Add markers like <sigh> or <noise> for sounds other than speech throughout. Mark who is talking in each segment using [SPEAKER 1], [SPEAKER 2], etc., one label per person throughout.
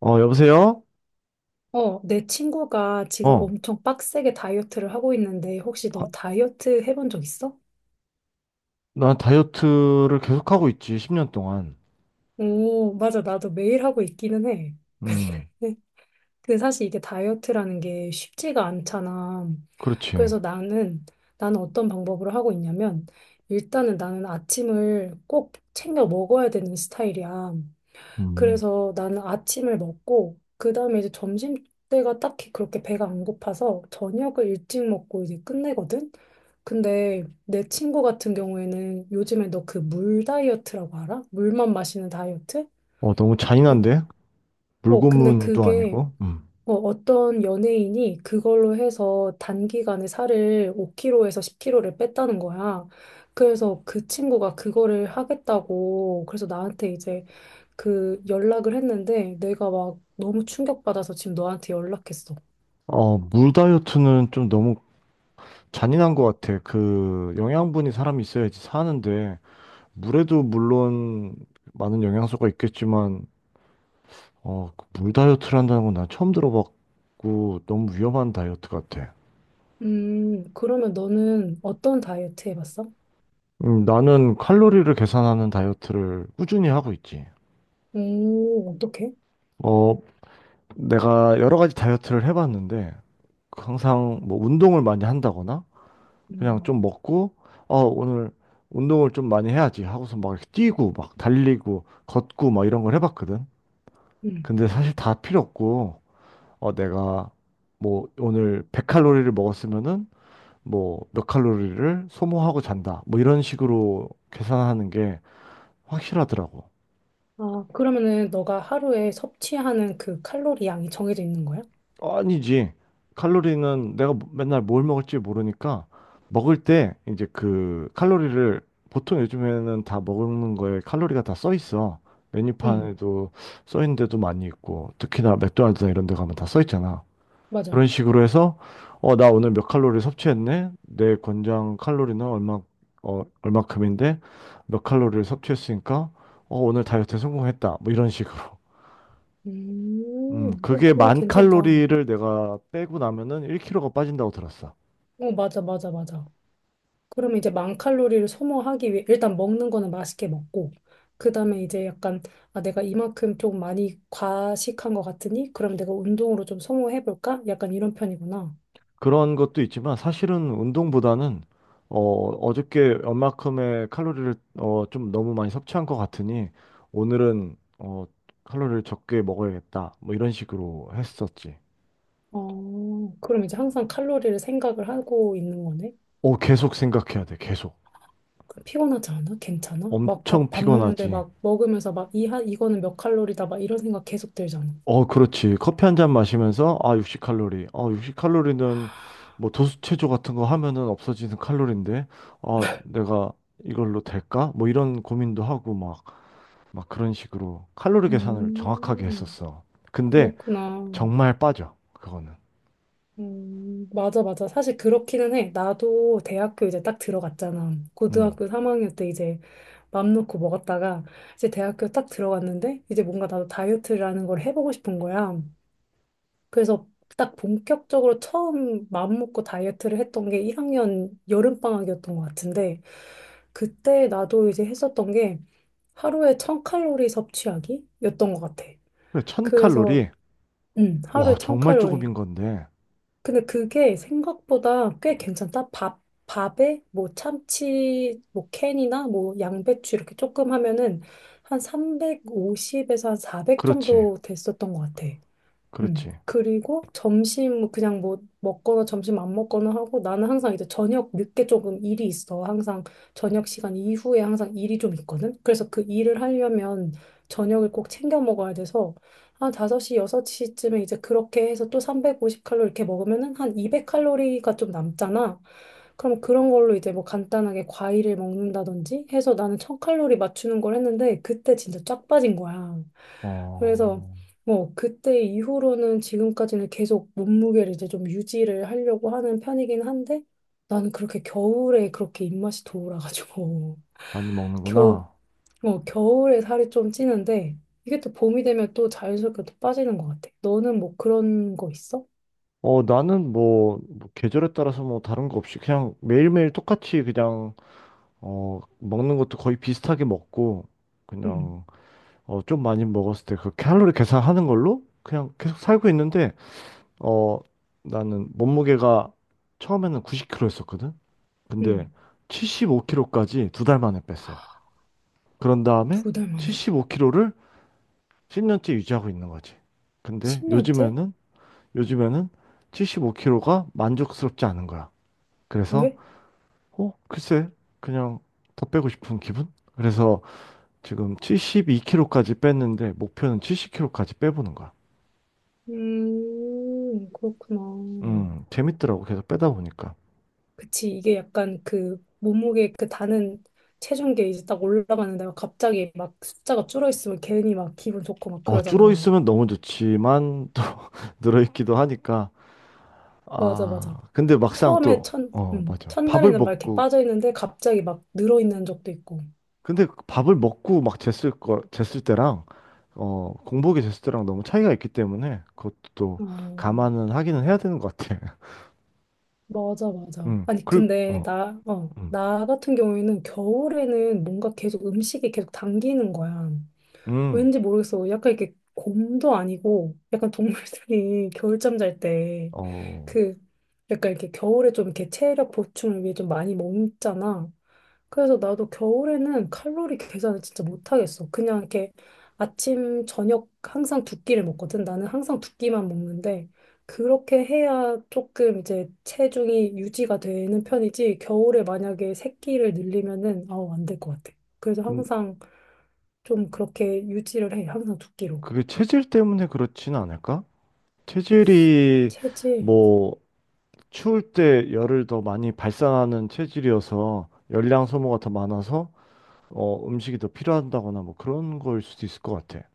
[SPEAKER 1] 어, 여보세요?
[SPEAKER 2] 내 친구가 지금
[SPEAKER 1] 어,
[SPEAKER 2] 엄청 빡세게 다이어트를 하고 있는데, 혹시 너
[SPEAKER 1] 바-
[SPEAKER 2] 다이어트 해본 적 있어?
[SPEAKER 1] 난 다이어트를 계속하고 있지, 10년 동안.
[SPEAKER 2] 오, 맞아. 나도 매일 하고 있기는 해.
[SPEAKER 1] 음,
[SPEAKER 2] <laughs> 근데 근데 사실 이게 다이어트라는 게 쉽지가 않잖아.
[SPEAKER 1] 그렇지.
[SPEAKER 2] 그래서 나는 어떤 방법으로 하고 있냐면, 일단은 나는 아침을 꼭 챙겨 먹어야 되는 스타일이야.
[SPEAKER 1] 음,
[SPEAKER 2] 그래서 나는 아침을 먹고 그다음에 이제 점심 때가 딱히 그렇게 배가 안 고파서 저녁을 일찍 먹고 이제 끝내거든. 근데 내 친구 같은 경우에는 요즘에 너 그 물 다이어트라고 알아? 물만 마시는 다이어트?
[SPEAKER 1] 너무
[SPEAKER 2] 이-
[SPEAKER 1] 잔인한데?
[SPEAKER 2] 근데
[SPEAKER 1] 물고문도
[SPEAKER 2] 그게
[SPEAKER 1] 아니고. 음.
[SPEAKER 2] 어떤 연예인이 그걸로 해서 단기간에 살을 5kg에서 10kg를 뺐다는 거야. 그래서 그 친구가 그거를 하겠다고 그래서 나한테 이제 그 연락을 했는데 내가 막 너무 충격받아서 지금 너한테 연락했어.
[SPEAKER 1] 물 다이어트는 좀 너무 잔인한 것 같아. 그, 영양분이 사람이 있어야지 사는데, 물에도 물론 많은 영양소가 있겠지만, 그물 다이어트를 한다는 건 난 처음 들어봤고, 너무 위험한 다이어트 같아.
[SPEAKER 2] 그러면 너는 어떤 다이어트 해봤어?
[SPEAKER 1] 나는 칼로리를 계산하는 다이어트를 꾸준히 하고 있지.
[SPEAKER 2] 오, 어떡해?
[SPEAKER 1] 어, 내가 여러 가지 다이어트를 해봤는데 항상 뭐 운동을 많이 한다거나 그냥 좀
[SPEAKER 2] 음,
[SPEAKER 1] 먹고 오늘 운동을 좀 많이 해야지 하고서 막 이렇게 뛰고 막 달리고 걷고 막 이런 걸 해봤거든.
[SPEAKER 2] 음.
[SPEAKER 1] 근데 사실 다 필요 없고 내가 뭐 오늘 100칼로리를 먹었으면은 뭐 몇 칼로리를 소모하고 잔다 뭐 이런 식으로 계산하는 게 확실하더라고.
[SPEAKER 2] 아, 그러면은 너가 하루에 섭취하는 그 칼로리 양이 정해져 있는 거야?
[SPEAKER 1] 아니지. 칼로리는 내가 맨날 뭘 먹을지 모르니까 먹을 때 이제 그 칼로리를 보통 요즘에는 다 먹는 거에 칼로리가 다 써 있어.
[SPEAKER 2] 응,
[SPEAKER 1] 메뉴판에도 써 있는 데도 많이 있고 특히나 맥도날드나 이런 데 가면 다 써 있잖아.
[SPEAKER 2] 맞아.
[SPEAKER 1] 그런 식으로 해서 나 오늘 몇 칼로리 섭취했네. 내 권장 칼로리는 얼마큼인데 몇 칼로리를 섭취했으니까 오늘 다이어트에 성공했다. 뭐 이런 식으로.
[SPEAKER 2] 음, 뭐
[SPEAKER 1] 그게
[SPEAKER 2] 그거
[SPEAKER 1] 만
[SPEAKER 2] 괜찮다. 어,
[SPEAKER 1] 칼로리를 내가 빼고 나면은 1kg가 빠진다고 들었어.
[SPEAKER 2] 맞아, 맞아, 맞아. 그러면 이제 10,000칼로리를 소모하기 위해 일단 먹는 거는 맛있게 먹고 그다음에 이제 약간 아 내가 이만큼 좀 많이 과식한 것 같으니 그럼 내가 운동으로 좀 소모해 볼까? 약간 이런 편이구나.
[SPEAKER 1] 그런 것도 있지만 사실은 운동보다는 어저께 얼마큼의 칼로리를 좀 너무 많이 섭취한 것 같으니 오늘은 칼로리를 적게 먹어야겠다. 뭐 이런 식으로 했었지.
[SPEAKER 2] 어, 그럼 이제 항상 칼로리를 생각을 하고 있는 거네.
[SPEAKER 1] 어, 계속 생각해야 돼. 계속.
[SPEAKER 2] 그럼 피곤하지 않아? 괜찮아? 막
[SPEAKER 1] 엄청
[SPEAKER 2] 밥, 밥 먹는데
[SPEAKER 1] 피곤하지.
[SPEAKER 2] 막 먹으면서 막 이, 이거는 몇 칼로리다 막 이런 생각 계속 들잖아.
[SPEAKER 1] 어, 그렇지. 커피 한 잔 마시면서, 아, 60칼로리. 60칼로리는 뭐 도수체조 같은 거 하면은 없어지는 칼로리인데, 아, 내가 이걸로 될까? 뭐 이런 고민도 하고 막, 막 그런 식으로 칼로리 계산을 정확하게
[SPEAKER 2] 음,
[SPEAKER 1] 했었어. 근데
[SPEAKER 2] 그렇구나.
[SPEAKER 1] 정말 빠져. 그거는.
[SPEAKER 2] 맞아, 맞아. 사실 그렇기는 해. 나도 대학교 이제 딱 들어갔잖아.
[SPEAKER 1] 음.
[SPEAKER 2] 고등학교 3학년 때 이제 맘 놓고 먹었다가 이제 대학교 딱 들어갔는데 이제 뭔가 나도 다이어트라는 걸 해보고 싶은 거야. 그래서 딱 본격적으로 처음 맘 먹고 다이어트를 했던 게 1학년 여름방학이었던 것 같은데 그때 나도 이제 했었던 게 하루에 1,000칼로리 섭취하기였던 것 같아.
[SPEAKER 1] 그래,
[SPEAKER 2] 그래서
[SPEAKER 1] 1000칼로리? 와,
[SPEAKER 2] 하루에
[SPEAKER 1] 정말 조금인
[SPEAKER 2] 1,000칼로리.
[SPEAKER 1] 건데.
[SPEAKER 2] 근데 그게 생각보다 꽤 괜찮다. 밥, 밥에 뭐 참치, 뭐 캔이나 뭐 양배추 이렇게 조금 하면은 한 350에서 한 400
[SPEAKER 1] 그렇지.
[SPEAKER 2] 정도 됐었던 것 같아. 음.
[SPEAKER 1] 그렇지.
[SPEAKER 2] 그리고 점심 뭐 그냥 뭐 먹거나 점심 안 먹거나 하고 나는 항상 이제 저녁 늦게 조금 일이 있어. 항상 저녁 시간 이후에 항상 일이 좀 있거든. 그래서 그 일을 하려면 저녁을 꼭 챙겨 먹어야 돼서 한 5시, 6시쯤에 이제 그렇게 해서 또 350칼로리 이렇게 먹으면은 한 200칼로리가 좀 남잖아. 그럼 그런 걸로 이제 뭐 간단하게 과일을 먹는다든지 해서 나는 1,000칼로리 맞추는 걸 했는데 그때 진짜 쫙 빠진 거야. 그래서
[SPEAKER 1] 어,
[SPEAKER 2] 뭐, 그때 이후로는 지금까지는 계속 몸무게를 이제 좀 유지를 하려고 하는 편이긴 한데, 나는 그렇게 겨울에 그렇게 입맛이 돌아가지고,
[SPEAKER 1] 많이
[SPEAKER 2] <laughs> 겨,
[SPEAKER 1] 먹는구나.
[SPEAKER 2] 뭐, 겨울에 살이 좀 찌는데, 이게 또 봄이 되면 또 자연스럽게 또 빠지는 것 같아. 너는 뭐 그런 거 있어?
[SPEAKER 1] 나는 뭐, 뭐 계절에 따라서 뭐 다른 거 없이 그냥 매일매일 똑같이 그냥 먹는 것도 거의 비슷하게 먹고,
[SPEAKER 2] 응,
[SPEAKER 1] 그냥, 좀 많이 먹었을 때 그 칼로리 계산하는 걸로 그냥 계속 살고 있는데, 어, 나는 몸무게가 처음에는 90kg였었거든? 근데
[SPEAKER 2] 응.
[SPEAKER 1] 75kg까지 2달 만에 뺐어. 그런 다음에
[SPEAKER 2] 2달 만에?
[SPEAKER 1] 75kg를 10년째 유지하고 있는 거지. 근데
[SPEAKER 2] 10년째?
[SPEAKER 1] 요즘에는, 요즘에는 75kg가 만족스럽지 않은 거야. 그래서,
[SPEAKER 2] 왜?
[SPEAKER 1] 글쎄, 그냥 더 빼고 싶은 기분? 그래서 지금 72kg까지 뺐는데 목표는 70kg까지 빼보는 거야.
[SPEAKER 2] 그렇구나.
[SPEAKER 1] 재밌더라고. 계속 빼다 보니까.
[SPEAKER 2] 그치, 이게 약간 그 몸무게 그 다는 체중계 이제 딱 올라가는데 막 갑자기 막 숫자가 줄어 있으면 괜히 막 기분 좋고 막
[SPEAKER 1] 줄어
[SPEAKER 2] 그러잖아.
[SPEAKER 1] 있으면 너무 좋지만 또 <laughs> 늘어 있기도 하니까.
[SPEAKER 2] 맞아,
[SPEAKER 1] 아,
[SPEAKER 2] 맞아.
[SPEAKER 1] 근데 막상
[SPEAKER 2] 처음에
[SPEAKER 1] 또
[SPEAKER 2] 첫,
[SPEAKER 1] 어, 맞아. 밥을
[SPEAKER 2] 첫날에는 막 이렇게
[SPEAKER 1] 먹고
[SPEAKER 2] 빠져 있는데 갑자기 막 늘어 있는 적도 있고.
[SPEAKER 1] 근데 밥을 먹고 막 쟀을 때랑 공복에 쟀을 때랑 너무 차이가 있기 때문에 그것도 또
[SPEAKER 2] 아,
[SPEAKER 1] 감안은 하기는 해야 되는 것 같아.
[SPEAKER 2] 맞아,
[SPEAKER 1] <laughs>
[SPEAKER 2] 맞아. 아니,
[SPEAKER 1] 그리고
[SPEAKER 2] 근데
[SPEAKER 1] 어.
[SPEAKER 2] 나,
[SPEAKER 1] 음.
[SPEAKER 2] 나 같은 경우에는 겨울에는 뭔가 계속 음식이 계속 당기는 거야.
[SPEAKER 1] 음.
[SPEAKER 2] 왠지 모르겠어. 약간 이렇게 곰도 아니고, 약간 동물들이 <laughs> 겨울잠 잘 때,
[SPEAKER 1] 어.
[SPEAKER 2] 그, 약간 이렇게 겨울에 좀 이렇게 체력 보충을 위해 좀 많이 먹잖아. 그래서 나도 겨울에는 칼로리 계산을 진짜 못하겠어. 그냥 이렇게 아침, 저녁 항상 두 끼를 먹거든. 나는 항상 두 끼만 먹는데, 그렇게 해야 조금 이제 체중이 유지가 되는 편이지, 겨울에 만약에 세 끼를 늘리면은, 아우, 안 될 것 같아. 그래서
[SPEAKER 1] 근
[SPEAKER 2] 항상 좀 그렇게 유지를 해. 항상 두 끼로.
[SPEAKER 1] 그게 체질 때문에 그렇진 않을까? 체질이
[SPEAKER 2] 체질.
[SPEAKER 1] 뭐 추울 때 열을 더 많이 발산하는 체질이어서 열량 소모가 더 많아서 음식이 더 필요한다거나 뭐 그런 거일 수도 있을 것 같아.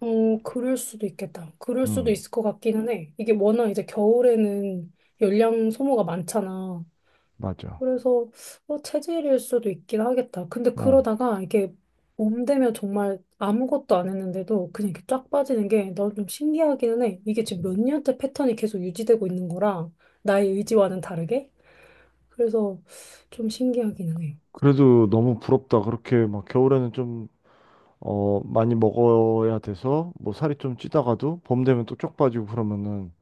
[SPEAKER 2] 어, 그럴 수도 있겠다. 그럴 수도
[SPEAKER 1] 음,
[SPEAKER 2] 있을 것 같기는 해. 이게 워낙 이제 겨울에는 열량 소모가 많잖아.
[SPEAKER 1] 맞아.
[SPEAKER 2] 그래서 체질일 수도 있긴 하겠다. 근데
[SPEAKER 1] 어.
[SPEAKER 2] 그러다가 이게 봄 되면 정말 아무것도 안 했는데도 그냥 이렇게 쫙 빠지는 게 난 좀 신기하기는 해. 이게 지금 몇 년째 패턴이 계속 유지되고 있는 거라 나의 의지와는 다르게. 그래서 좀 신기하기는 해.
[SPEAKER 1] 그래도 너무 부럽다. 그렇게 막 겨울에는 좀 많이 먹어야 돼서 뭐 살이 좀 찌다가도 봄 되면 또 쪽 빠지고 그러면은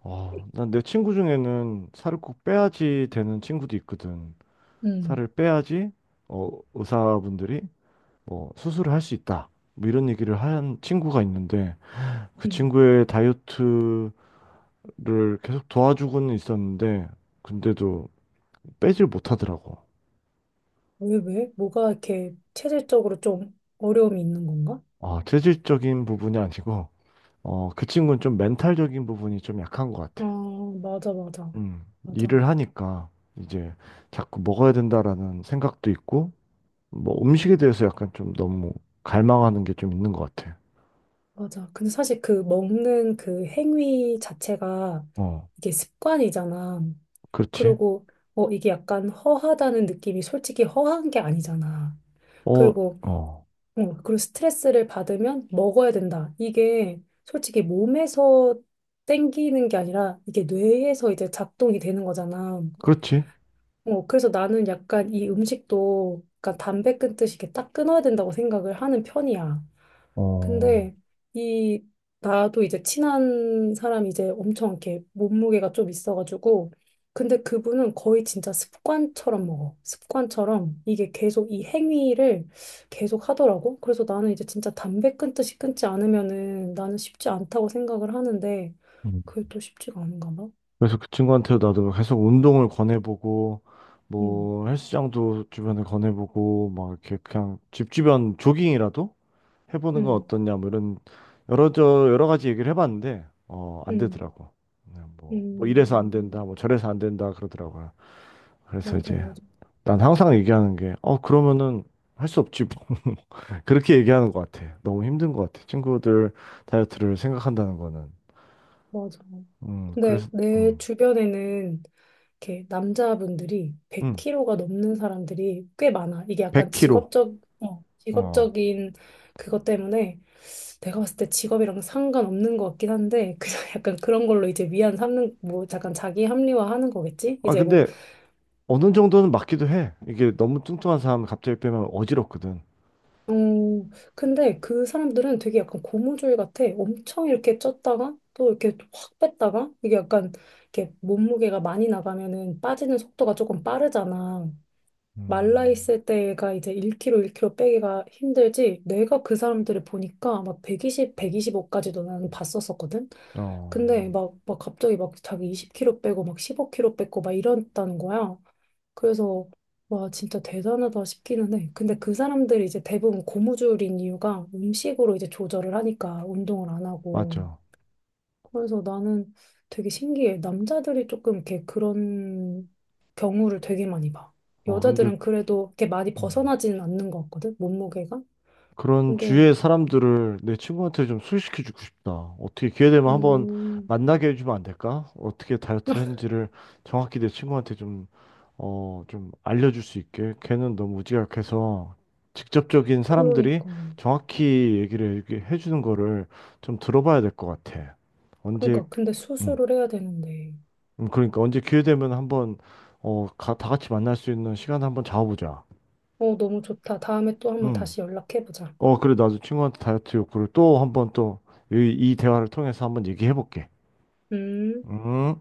[SPEAKER 1] 난 내 친구 중에는 살을 꼭 빼야지 되는 친구도 있거든.
[SPEAKER 2] 음.
[SPEAKER 1] 살을 빼야지 의사분들이 뭐 수술을 할 수 있다. 뭐 이런 얘기를 한 친구가 있는데 그
[SPEAKER 2] 음.
[SPEAKER 1] 친구의 다이어트를 계속 도와주고는 있었는데 근데도 빼질 못하더라고.
[SPEAKER 2] 왜, 왜? 뭐가 이렇게 체질적으로 좀 어려움이 있는 건가?
[SPEAKER 1] 어, 체질적인 부분이 아니고 그 친구는 좀 멘탈적인 부분이 좀 약한 것
[SPEAKER 2] 아,
[SPEAKER 1] 같아.
[SPEAKER 2] 맞아, 맞아.
[SPEAKER 1] 음,
[SPEAKER 2] 맞아,
[SPEAKER 1] 일을 하니까 이제 자꾸 먹어야 된다라는 생각도 있고 뭐 음식에 대해서 약간 좀 너무 갈망하는 게 좀 있는 것 같아.
[SPEAKER 2] 맞아. 근데 사실 그 먹는 그 행위 자체가
[SPEAKER 1] 어,
[SPEAKER 2] 이게 습관이잖아.
[SPEAKER 1] 그렇지.
[SPEAKER 2] 그리고, 이게 약간 허하다는 느낌이 솔직히 허한 게 아니잖아.
[SPEAKER 1] 어,
[SPEAKER 2] 그리고,
[SPEAKER 1] 어,
[SPEAKER 2] 그리고 스트레스를 받으면 먹어야 된다. 이게 솔직히 몸에서 땡기는 게 아니라 이게 뇌에서 이제 작동이 되는 거잖아.
[SPEAKER 1] 그렇지.
[SPEAKER 2] 그래서 나는 약간 이 음식도 약간 담배 끊듯이 이렇게 딱 끊어야 된다고 생각을 하는 편이야.
[SPEAKER 1] 어.
[SPEAKER 2] 근데 이 나도 이제 친한 사람이 이제 엄청 이렇게 몸무게가 좀 있어가지고 근데 그분은 거의 진짜 습관처럼 먹어. 습관처럼 이게 계속 이 행위를 계속 하더라고. 그래서 나는 이제 진짜 담배 끊듯이 끊지 않으면은 나는 쉽지 않다고 생각을 하는데
[SPEAKER 1] 음.
[SPEAKER 2] 그게 또 쉽지가 않은가 봐.
[SPEAKER 1] 그래서 그 친구한테 나도 계속 운동을 권해보고
[SPEAKER 2] 음,
[SPEAKER 1] 뭐 헬스장도 주변에 권해보고 막 이렇게 그냥 집 주변 조깅이라도 해보는 건
[SPEAKER 2] 음,
[SPEAKER 1] 어떠냐 뭐 이런 여러 저 여러 가지 얘기를 해봤는데 안
[SPEAKER 2] 음,
[SPEAKER 1] 되더라고. 그냥 뭐, 뭐 이래서 안
[SPEAKER 2] 음.
[SPEAKER 1] 된다 뭐 저래서 안 된다 그러더라고요. 그래서
[SPEAKER 2] 맞아,
[SPEAKER 1] 이제
[SPEAKER 2] 맞아,
[SPEAKER 1] 난 항상 얘기하는 게 그러면은 할 수 없지 <laughs> 뭐. 그렇게 얘기하는 것 같아. 너무 힘든 것 같아, 친구들 다이어트를 생각한다는 거는.
[SPEAKER 2] 맞아. 근데
[SPEAKER 1] 그래서
[SPEAKER 2] 내 주변에는 이렇게 남자분들이
[SPEAKER 1] 음음
[SPEAKER 2] 100kg가 넘는 사람들이 꽤 많아. 이게 약간
[SPEAKER 1] 100kg.
[SPEAKER 2] 직업적, 직업적인 그것 때문에 내가 봤을 때 직업이랑 상관없는 것 같긴 한데, 그냥 <laughs> 약간 그런 걸로 이제 위안 삼는, 뭐 약간 자기 합리화 하는 거겠지?
[SPEAKER 1] 아,
[SPEAKER 2] 이제 뭐
[SPEAKER 1] 근데 어느 정도는 맞기도 해. 이게 너무 뚱뚱한 사람 갑자기 빼면 어지럽거든.
[SPEAKER 2] 어, 근데 그 사람들은 되게 약간 고무줄 같아. 엄청 이렇게 쪘다가 또 이렇게 확 뺐다가 이게 약간 이렇게 몸무게가 많이 나가면은 빠지는 속도가 조금 빠르잖아. 말라
[SPEAKER 1] 음,
[SPEAKER 2] 있을 때가 이제 1kg, 1kg 빼기가 힘들지. 내가 그 사람들을 보니까 막 120, 125까지도 나는 봤었었거든. 근데
[SPEAKER 1] 어,
[SPEAKER 2] 막, 막 갑자기 막 자기 20kg 빼고 막 15kg 뺐고 막 이랬다는 거야. 그래서 와 진짜 대단하다 싶기는 해. 근데 그 사람들이 이제 대부분 고무줄인 이유가 음식으로 이제 조절을 하니까 운동을 안 하고.
[SPEAKER 1] 맞죠.
[SPEAKER 2] 그래서 나는 되게 신기해. 남자들이 조금 이렇게 그런 경우를 되게 많이 봐.
[SPEAKER 1] 어, 근데
[SPEAKER 2] 여자들은 그래도 이렇게 많이
[SPEAKER 1] 음.
[SPEAKER 2] 벗어나지는 않는 것 같거든, 몸무게가.
[SPEAKER 1] 그런
[SPEAKER 2] 근데
[SPEAKER 1] 주위의 사람들을 내 친구한테 좀 소개시켜주고 싶다. 어떻게 기회 되면 한번
[SPEAKER 2] 음
[SPEAKER 1] 만나게 해주면 안 될까? 어떻게 다이어트를
[SPEAKER 2] <laughs>
[SPEAKER 1] 했는지를 정확히 내 친구한테 좀, 좀 알려줄 수 있게. 걔는 너무 우지각해서 직접적인 사람들이
[SPEAKER 2] 그러니까
[SPEAKER 1] 정확히 얘기를 이렇게 해주는 거를 좀 들어봐야 될 것 같아. 언제,
[SPEAKER 2] 그러니까 근데
[SPEAKER 1] 음,
[SPEAKER 2] 수술을 해야 되는데.
[SPEAKER 1] 그러니까 언제 기회 되면 한번, 다 같이 만날 수 있는 시간 한번 잡아보자.
[SPEAKER 2] 어 너무 좋다. 다음에 또 한번
[SPEAKER 1] 음.
[SPEAKER 2] 다시 연락해 보자.
[SPEAKER 1] 어, 그래, 나도 친구한테 다이어트 욕구를 또 한번 또, 이 대화를 통해서 한번 얘기해 볼게.
[SPEAKER 2] 음.
[SPEAKER 1] 음.